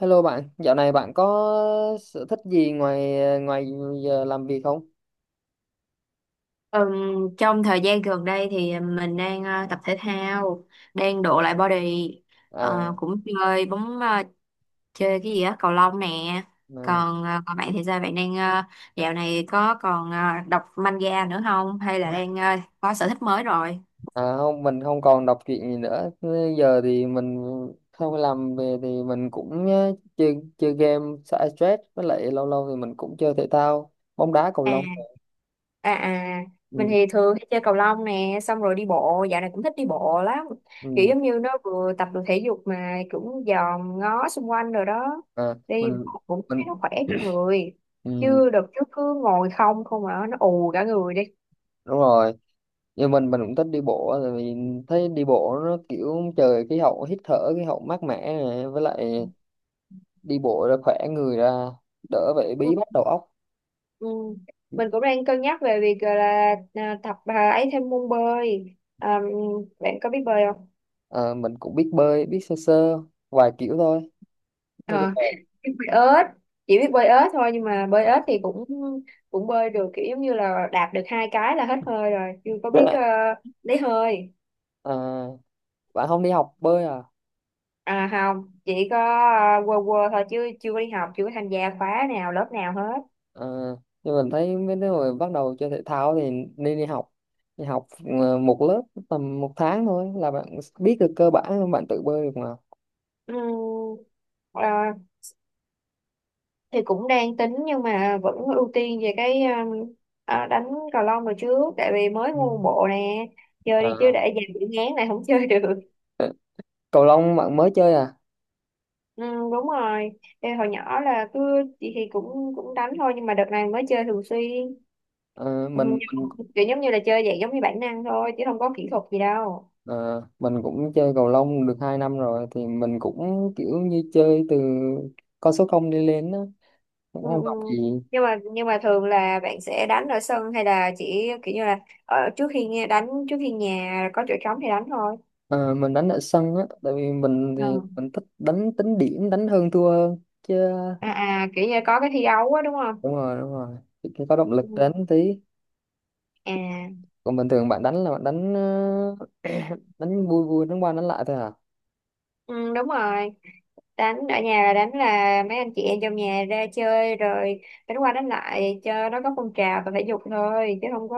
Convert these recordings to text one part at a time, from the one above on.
Hello bạn, dạo này bạn có sở thích gì ngoài ngoài giờ làm việc không? Trong thời gian gần đây thì mình đang tập thể thao, đang độ lại body. À, Cũng chơi bóng, chơi cái gì á, cầu lông nè. mà- Còn còn bạn thì sao? Bạn đang dạo này có còn đọc manga nữa không? Hay là đang có sở thích mới rồi? À không, mình không còn đọc truyện gì nữa. Bây giờ thì mình không làm về thì mình cũng chơi chơi game xả stress với lại lâu lâu thì mình cũng chơi thể thao, bóng đá, cầu À, lông. à, à, mình Ừ, thì thường hay chơi cầu lông nè, xong rồi đi bộ, dạo này cũng thích đi bộ lắm, kiểu ừ, giống như nó vừa tập được thể dục mà cũng dòm ngó xung quanh rồi đó. à, mình Đi bộ cũng thấy mình nó khỏe cho người, ừ, chứ đợt trước cứ ngồi không không mà nó ù cả người đi. đúng rồi. Nhưng mình cũng thích đi bộ tại vì thấy đi bộ nó kiểu trời khí hậu, hít thở khí hậu mát mẻ này, với lại đi bộ ra khỏe người ra, đỡ phải Ừ. bí bách đầu óc. Ừ. Mình cũng đang cân nhắc về việc gọi là à, tập à, ấy thêm môn bơi à, bạn có biết bơi không? Ờ, mình cũng biết bơi, biết sơ sơ vài kiểu thôi, nói chung Ờ, là... biết bơi ếch, chỉ biết bơi ếch thôi, nhưng mà bơi ếch thì cũng cũng bơi được, kiểu giống như là đạp được hai cái là hết hơi rồi, chưa có Rất biết là- lấy hơi. À, bạn không đi học bơi à? À không, chỉ có quơ quơ thôi, chứ chưa có đi học, chưa có tham gia khóa nào lớp nào hết. Ờ, nhưng mình thấy mấy đứa người bắt đầu chơi thể thao thì nên đi học một lớp tầm một tháng thôi là bạn biết được cơ bản, bạn tự bơi được mà. Ừm, ờ, thì cũng đang tính, nhưng mà vẫn ưu tiên về cái đánh cầu lông rồi trước, tại vì mới Ừ. mua bộ nè, chơi Ờ, đi chứ để dành bị ngán này không chơi được. cầu lông bạn mới chơi à? Ừ, đúng rồi. Ê, hồi nhỏ là cứ chị thì cũng cũng đánh thôi, nhưng mà đợt này mới chơi thường xuyên. Ờ, Ừ. mình Kiểu giống như là chơi vậy giống như bản năng thôi, chứ không có kỹ thuật gì đâu. Ờ, mình cũng chơi cầu lông được 2 năm rồi thì mình cũng kiểu như chơi từ con số không đi lên á, cũng Ừ, không ừ. học gì. Nhưng mà thường là bạn sẽ đánh ở sân, hay là chỉ kiểu như là ở trước khi nghe- đánh trước khi nhà có chỗ trống thì đánh thôi. Ờ, mình đánh ở sân á tại vì mình thì Ừ. mình thích đánh tính điểm, đánh hơn thua hơn chứ. À, à, kiểu như có cái thi đấu á, đúng không? Đúng rồi, đúng rồi. Thì cái có động lực Ừ. đánh tí. À. Còn bình thường bạn đánh là bạn đánh đánh vui vui, đánh qua đánh lại thôi à? Ừ, đúng rồi, đánh ở nhà là đánh là mấy anh chị em trong nhà ra chơi rồi đánh qua đánh lại cho nó có phong trào và thể dục thôi, chứ không có,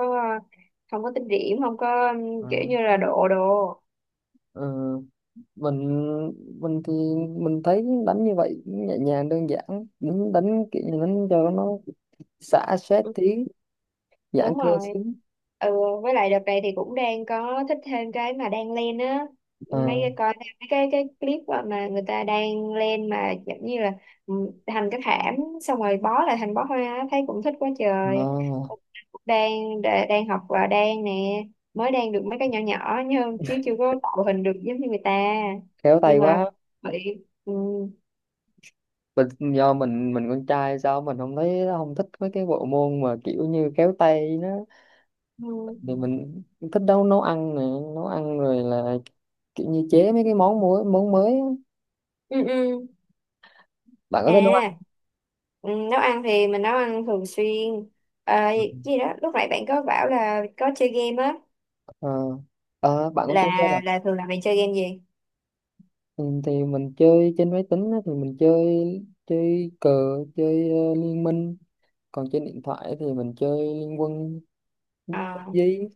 không có tính điểm, không có Ờ, kiểu như là độ đồ. ờ, mình mình thì mình thấy đánh như vậy nhẹ nhàng đơn giản, đánh kiểu như đánh cho nó xả stress tí, giãn Đúng cơ rồi. xíu. Ừ. Với lại đợt này thì cũng đang có thích thêm cái mà đang lên á, ờ mấy cái coi thêm mấy cái clip á mà người ta đang lên, mà giống như là ừ, thành cái thảm, xong rồi bó lại thành bó hoa á, thấy cũng thích quá trời. ờ, Đang đang học và đang nè, mới đang được mấy cái nhỏ nhỏ, nhưng chứ chưa có tạo hình được giống như người ta. Khéo tay Nhưng mà quá. bị Mình do mình con trai sao mình không thấy không thích mấy cái bộ môn mà kiểu như khéo tay nó, ừ, thì mình thích nấu nấu ăn nè, nấu ăn rồi là kiểu như chế mấy cái món mới, món mới á. ừ, ừ. Bạn có À. thích nấu ăn? Ừ, nấu ăn thì mình nấu ăn thường xuyên. À, Ừ. gì đó lúc nãy bạn có bảo là có chơi game á, ờ Ờ, bạn cũng chơi game à? là thường là bạn chơi game gì? Ừ, thì mình chơi trên máy tính á, thì mình chơi chơi cờ, chơi liên minh, còn trên điện thoại thì mình chơi liên quân, À, PUBG.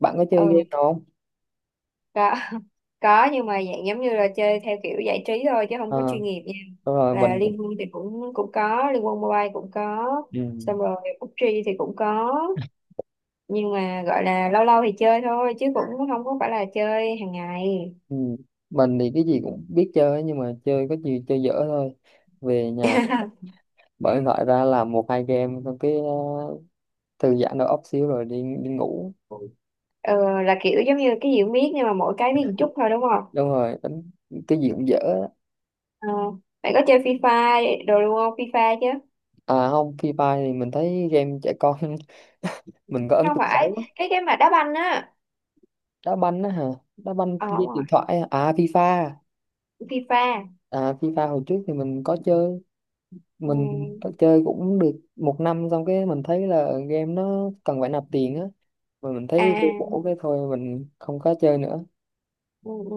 Bạn có chơi game ừ, nào không? có có, nhưng mà dạng giống như là chơi theo kiểu giải trí thôi, chứ không có Ờ. chuyên nghiệp nha. Đúng rồi. Là Mình Liên Quân thì cũng cũng có, Liên Quân Mobile cũng có, ừ. xong rồi PUBG thì cũng có, nhưng mà gọi là lâu lâu thì chơi thôi, chứ cũng không có phải là chơi hàng ngày. Ừ. Mình thì cái gì cũng biết chơi ấy, nhưng mà chơi có gì chơi dở thôi. Về nhà mở điện thoại ra làm một hai game xong cái thư giãn đầu óc xíu rồi đi đi ngủ. Ừ, là kiểu giống như cái gì cũng biết, nhưng mà mỗi cái biết một chút thôi, đúng không? Đúng rồi, đánh cái gì cũng dở á. Ờ, mày có chơi FIFA đồ luôn không? FIFA chứ? À không, Free Fire thì mình thấy game trẻ con mình có ấn Không tượng phải, xấu á. cái mà đá banh á. Đá banh á hả? Đá banh Ờ trên đúng rồi, điện thoại á. À, FIFA. FIFA. À, FIFA hồi trước thì mình có chơi, Ừ. mình phải chơi cũng được một năm xong cái mình thấy là game nó cần phải nạp tiền á mà mình thấy vô À, bổ cái thôi, mình không có chơi nữa. ừ, ừ.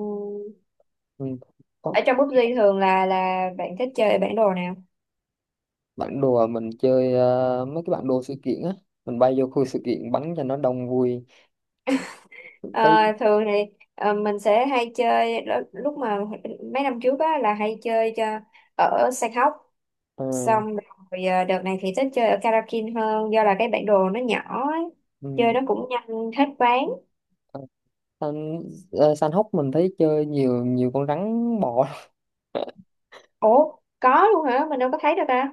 Mình có Ở trong PUBG thường là bạn thích chơi bản đồ nào? Bản đồ à, mình chơi mấy cái bản đồ sự kiện á, mình bay vô khu sự kiện bắn cho nó đông vui Ờ, cái. thường thì mình sẽ hay chơi lúc mà mấy năm trước á là hay chơi cho ở Sàn Hóc, ờ, xong rồi đợt này thì thích chơi ở Karakin hơn, do là cái bản đồ nó nhỏ ấy. Chơi ừ, nó cũng nhanh hết ván. san, San hốc mình thấy chơi nhiều, nhiều con rắn bò Ủa, có luôn hả? Mình đâu có thấy đâu ta.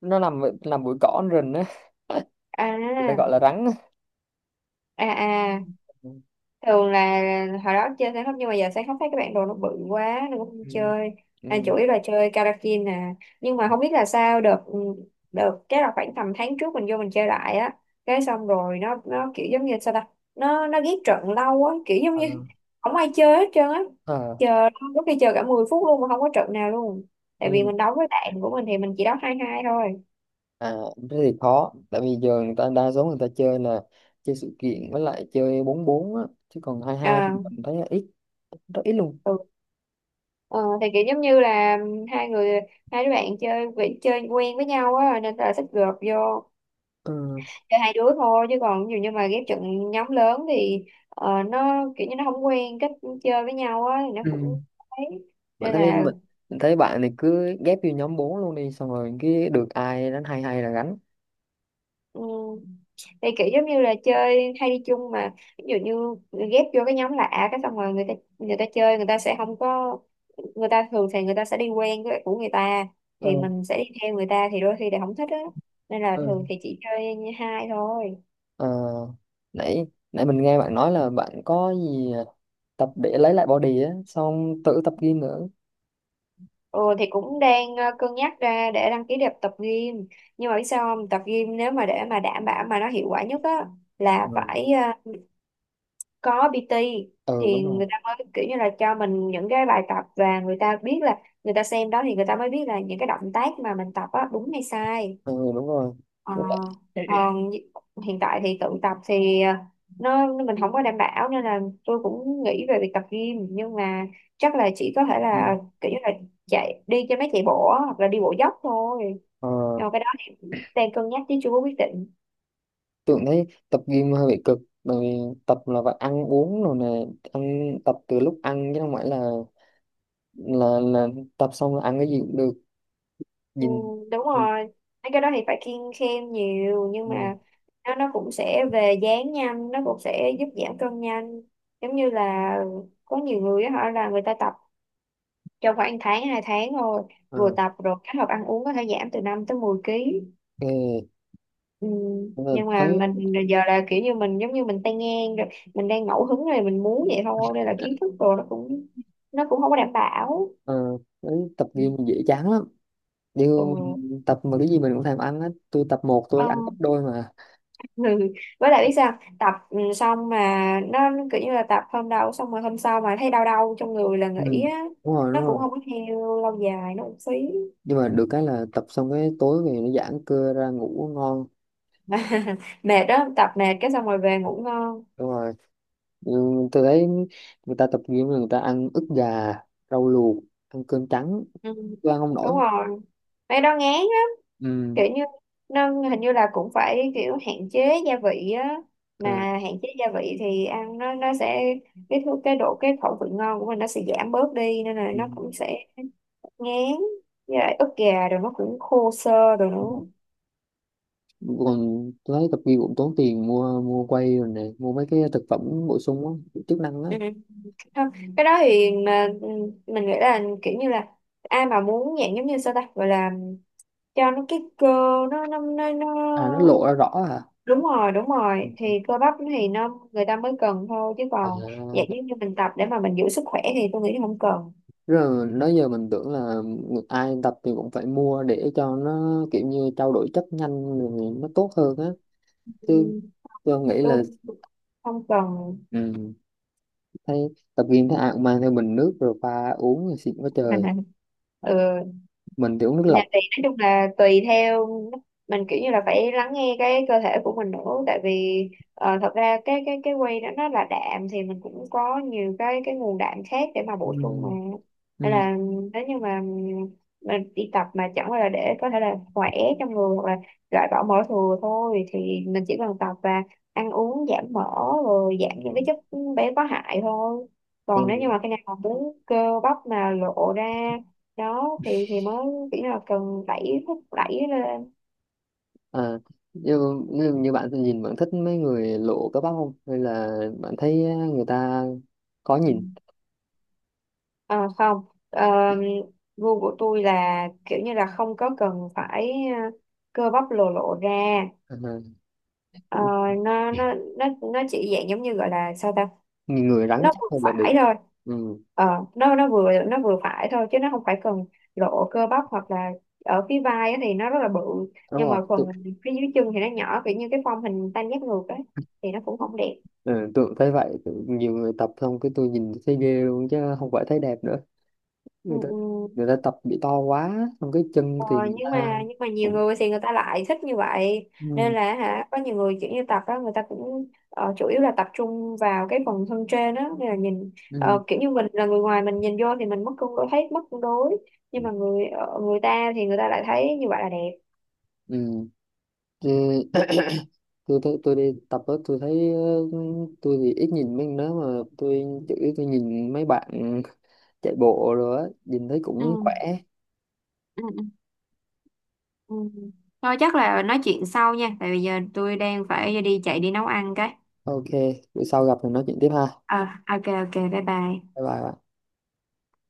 nó nằm nằm bụi cỏ trên rừng á người ta À, gọi là rắn á. à, à, Ừ. thường là hồi đó chơi sáng khóc, nhưng mà giờ sáng khóc thấy các bạn đồ nó bự quá nên cũng không Ừ. chơi, Ừ. anh chủ yếu là chơi karaoke nè, nhưng mà không biết là sao được, được cái là khoảng tầm tháng trước mình vô mình chơi lại á, cái xong rồi nó kiểu giống như sao ta, nó ghét trận lâu á, kiểu giống Ờ, như không ai chơi hết trơn á. ờ, Chờ, có khi chờ cả 10 phút luôn mà không có trận nào luôn, tại vì ừ. mình đấu với bạn của mình thì mình chỉ đấu 2-2 thôi. À, thế thì khó tại vì giờ người ta đa số người ta chơi là chơi sự kiện với lại chơi bốn bốn á, chứ còn hai hai thì Ờ. mình thấy là ít, rất ít luôn. Ừ. Ờ, thì kiểu giống như là hai người, hai đứa bạn chơi quen với nhau á nên là thích gộp vô Ừ. chơi hai đứa thôi, chứ còn dù như mà ghép trận nhóm lớn thì nó kiểu như nó không quen cách chơi với nhau á thì nó Ừ. cũng ấy, bạn nên thấy là mình, mình thấy bạn này cứ ghép vô nhóm bốn luôn đi xong rồi cái được ai đánh hai hai là gánh. ừ, thì kiểu giống như là chơi hay đi chung mà, ví dụ như ghép vô cái nhóm lạ, cái xong rồi người ta chơi, người ta sẽ không có, người ta thường thì người ta sẽ đi quen với của người ta, thì Ừ. mình sẽ đi theo người ta thì đôi khi lại không thích á, nên là Ừ. thường thì chỉ chơi như hai thôi. Ờ, nãy nãy mình nghe bạn nói là bạn có gì tập để lấy lại body á xong tự tập gym nữa. Ừ, thì cũng đang cân nhắc ra để đăng ký đẹp tập gym, nhưng mà biết sao không, tập gym nếu mà để mà đảm bảo mà nó hiệu quả nhất á là Ừ, phải có PT, ừ thì đúng rồi, người ta mới kiểu như là cho mình những cái bài tập, và người ta biết là, người ta xem đó thì người ta mới biết là những cái động tác mà mình tập á đúng hay sai. ừ đúng rồi. Ờ, Với lại- còn hiện tại thì tự tập thì mình không có đảm bảo, nên là tôi cũng nghĩ về việc tập gym, nhưng mà chắc là chỉ có thể Ừ. là kiểu như là chạy đi cho mấy chạy bộ á, hoặc là đi bộ dốc thôi. Ờ, Rồi cái đó thì cũng đang cân nhắc chứ chưa có quyết định. tưởng thấy tập gym hơi bị cực bởi vì tập là phải ăn uống rồi nè, ăn tập từ lúc ăn chứ không phải là là là tập xong là ăn cái gì cũng được. Ừ, Nhìn đúng nhìn rồi, mấy cái đó thì phải kiêng khem nhiều, nhưng mua mà nó cũng sẽ về dáng nhanh, nó cũng sẽ giúp giảm cân nhanh, giống như là có nhiều người á, họ là người ta tập trong khoảng tháng hai tháng thôi, vừa À, tập rồi kết hợp ăn uống có thể giảm từ 5 tới 10 ký. ok. Ừ. Nhưng mà Nhưng mà thấy mình giờ là kiểu như mình giống như mình tay ngang rồi, mình đang ngẫu hứng rồi mình muốn vậy thôi, nên là kiến thức rồi nó cũng không có đảm bảo. ờ, thấy tập Ừ. gym dễ chán lắm. Điều tập mà cái gì mình cũng thèm ăn hết, tôi tập một tôi ăn Ừ. gấp đôi mà. Ừ. Với lại biết sao tập xong mà nó kiểu như là tập hôm đầu xong rồi hôm sau mà thấy đau đau trong người là Ừ. nghỉ á, Đúng rồi, đúng nó cũng rồi. không có theo lâu dài, nó cũng phí. Nhưng mà được cái là tập xong cái tối về nó giãn cơ ra ngủ ngon. Mệt đó, tập mệt cái xong rồi về ngủ ngon. Đúng rồi. Ừ, tôi thấy người ta tập gym người ta ăn ức gà, rau luộc, ăn cơm trắng, Ừ. tôi ăn không nổi. Đúng rồi, mấy đó ngán á, Ừ. kiểu như nó hình như là cũng phải kiểu hạn chế gia vị á, mà À, hạn chế gia vị thì ăn nó sẽ, cái thứ cái độ cái khẩu vị ngon của mình nó sẽ giảm bớt đi, nên là ừ. nó cũng sẽ ngán, với lại ức gà rồi nó cũng khô xơ rồi Đúng nó. rồi. Còn tôi thấy tập gym cũng tốn tiền, mua mua quay rồi này, mua mấy cái thực phẩm bổ sung á, chức năng á. Ừ. Không, cái đó thì mà mình nghĩ là kiểu như là ai mà muốn dạng giống như sao ta gọi là cho nó cái cơ, nó. À, nó lộ ra rõ hả? Đúng rồi đúng rồi, thì Ừ. cơ bắp thì nó người ta mới cần thôi, chứ còn dạng À giống như mình tập để mà mình giữ sức khỏe thì tôi nghĩ không cần. rồi nói giờ mình tưởng là ai tập thì cũng phải mua để cho nó kiểu như trao đổi chất nhanh rồi nó tốt hơn á, chứ Ừ, tôi nghĩ tôi là... không cần. Ừ. Thấy tập gym thấy ai cũng mang theo bình nước rồi pha uống thì xịn quá trời, Ừ. mình thì uống nước Nhà lọc. thì nói chung là tùy theo, mình kiểu như là phải lắng nghe cái cơ thể của mình nữa, tại vì thật ra cái cái whey đó nó là đạm, thì mình cũng có nhiều cái nguồn đạm khác để mà Ừ. bổ sung mà. Nên Ừ. là nếu như mà mình đi tập mà chẳng qua là để có thể là khỏe trong người, hoặc là loại bỏ mỡ thừa thôi, thì mình chỉ cần tập và ăn uống giảm mỡ, rồi giảm những Ừ. cái chất béo có hại thôi. Còn nếu như Ừ. mà khi nào mà muốn cơ bắp mà lộ ra đó thì mới kiểu như là cần đẩy, thúc đẩy lên. À, như, như bạn thì nhìn bạn thích mấy người lộ cơ bắp không hay là bạn thấy à, người ta có nhìn Ờ, không, gu của tôi là kiểu như là không có cần phải ờ, cơ bắp lồ lộ ra. à, Ờ, nó chỉ dạng giống như gọi là sao ta, nhìn người rắn nó chắc vừa hay là được? phải thôi. Ừ. Ờ, nó vừa phải thôi, chứ nó không phải cần lộ cơ bắp, hoặc là ở phía vai á thì nó rất là bự, Đúng nhưng rồi. mà phần phía dưới chân thì nó nhỏ, kiểu như cái form hình tam giác ngược ấy, thì nó cũng không đẹp. Tôi cũng thấy vậy. Nhiều người tập xong cái tôi nhìn thấy ghê luôn chứ không phải thấy đẹp nữa, Ừ, người ta ừ. Tập bị to quá xong cái chân thì Ờ, người nhưng ta mà nhưng mà nhiều cũng. người thì người ta lại thích như vậy, nên Ừ. là hả, có nhiều người kiểu như tập đó người ta cũng chủ yếu là tập trung vào cái phần thân trên đó, nên là nhìn kiểu như mình là người ngoài mình nhìn vô thì mình mất cân đối, thấy mất cân đối, nhưng mà người người ta thì người ta lại thấy như vậy là đẹp. Ừ. Ừ. Tôi đi tập đó tôi thấy tôi thì ít nhìn mấy đó mà tôi chủ yếu tôi nhìn mấy bạn chạy bộ rồi á, nhìn thấy cũng Ừ, khỏe. ừ, ừ. Ừ. Thôi chắc là nói chuyện sau nha, tại vì giờ tôi đang phải đi chạy đi nấu ăn cái. Ok, bữa sau gặp thì nói chuyện tiếp ha, Ờ, ok ok, bye bye. bye bye.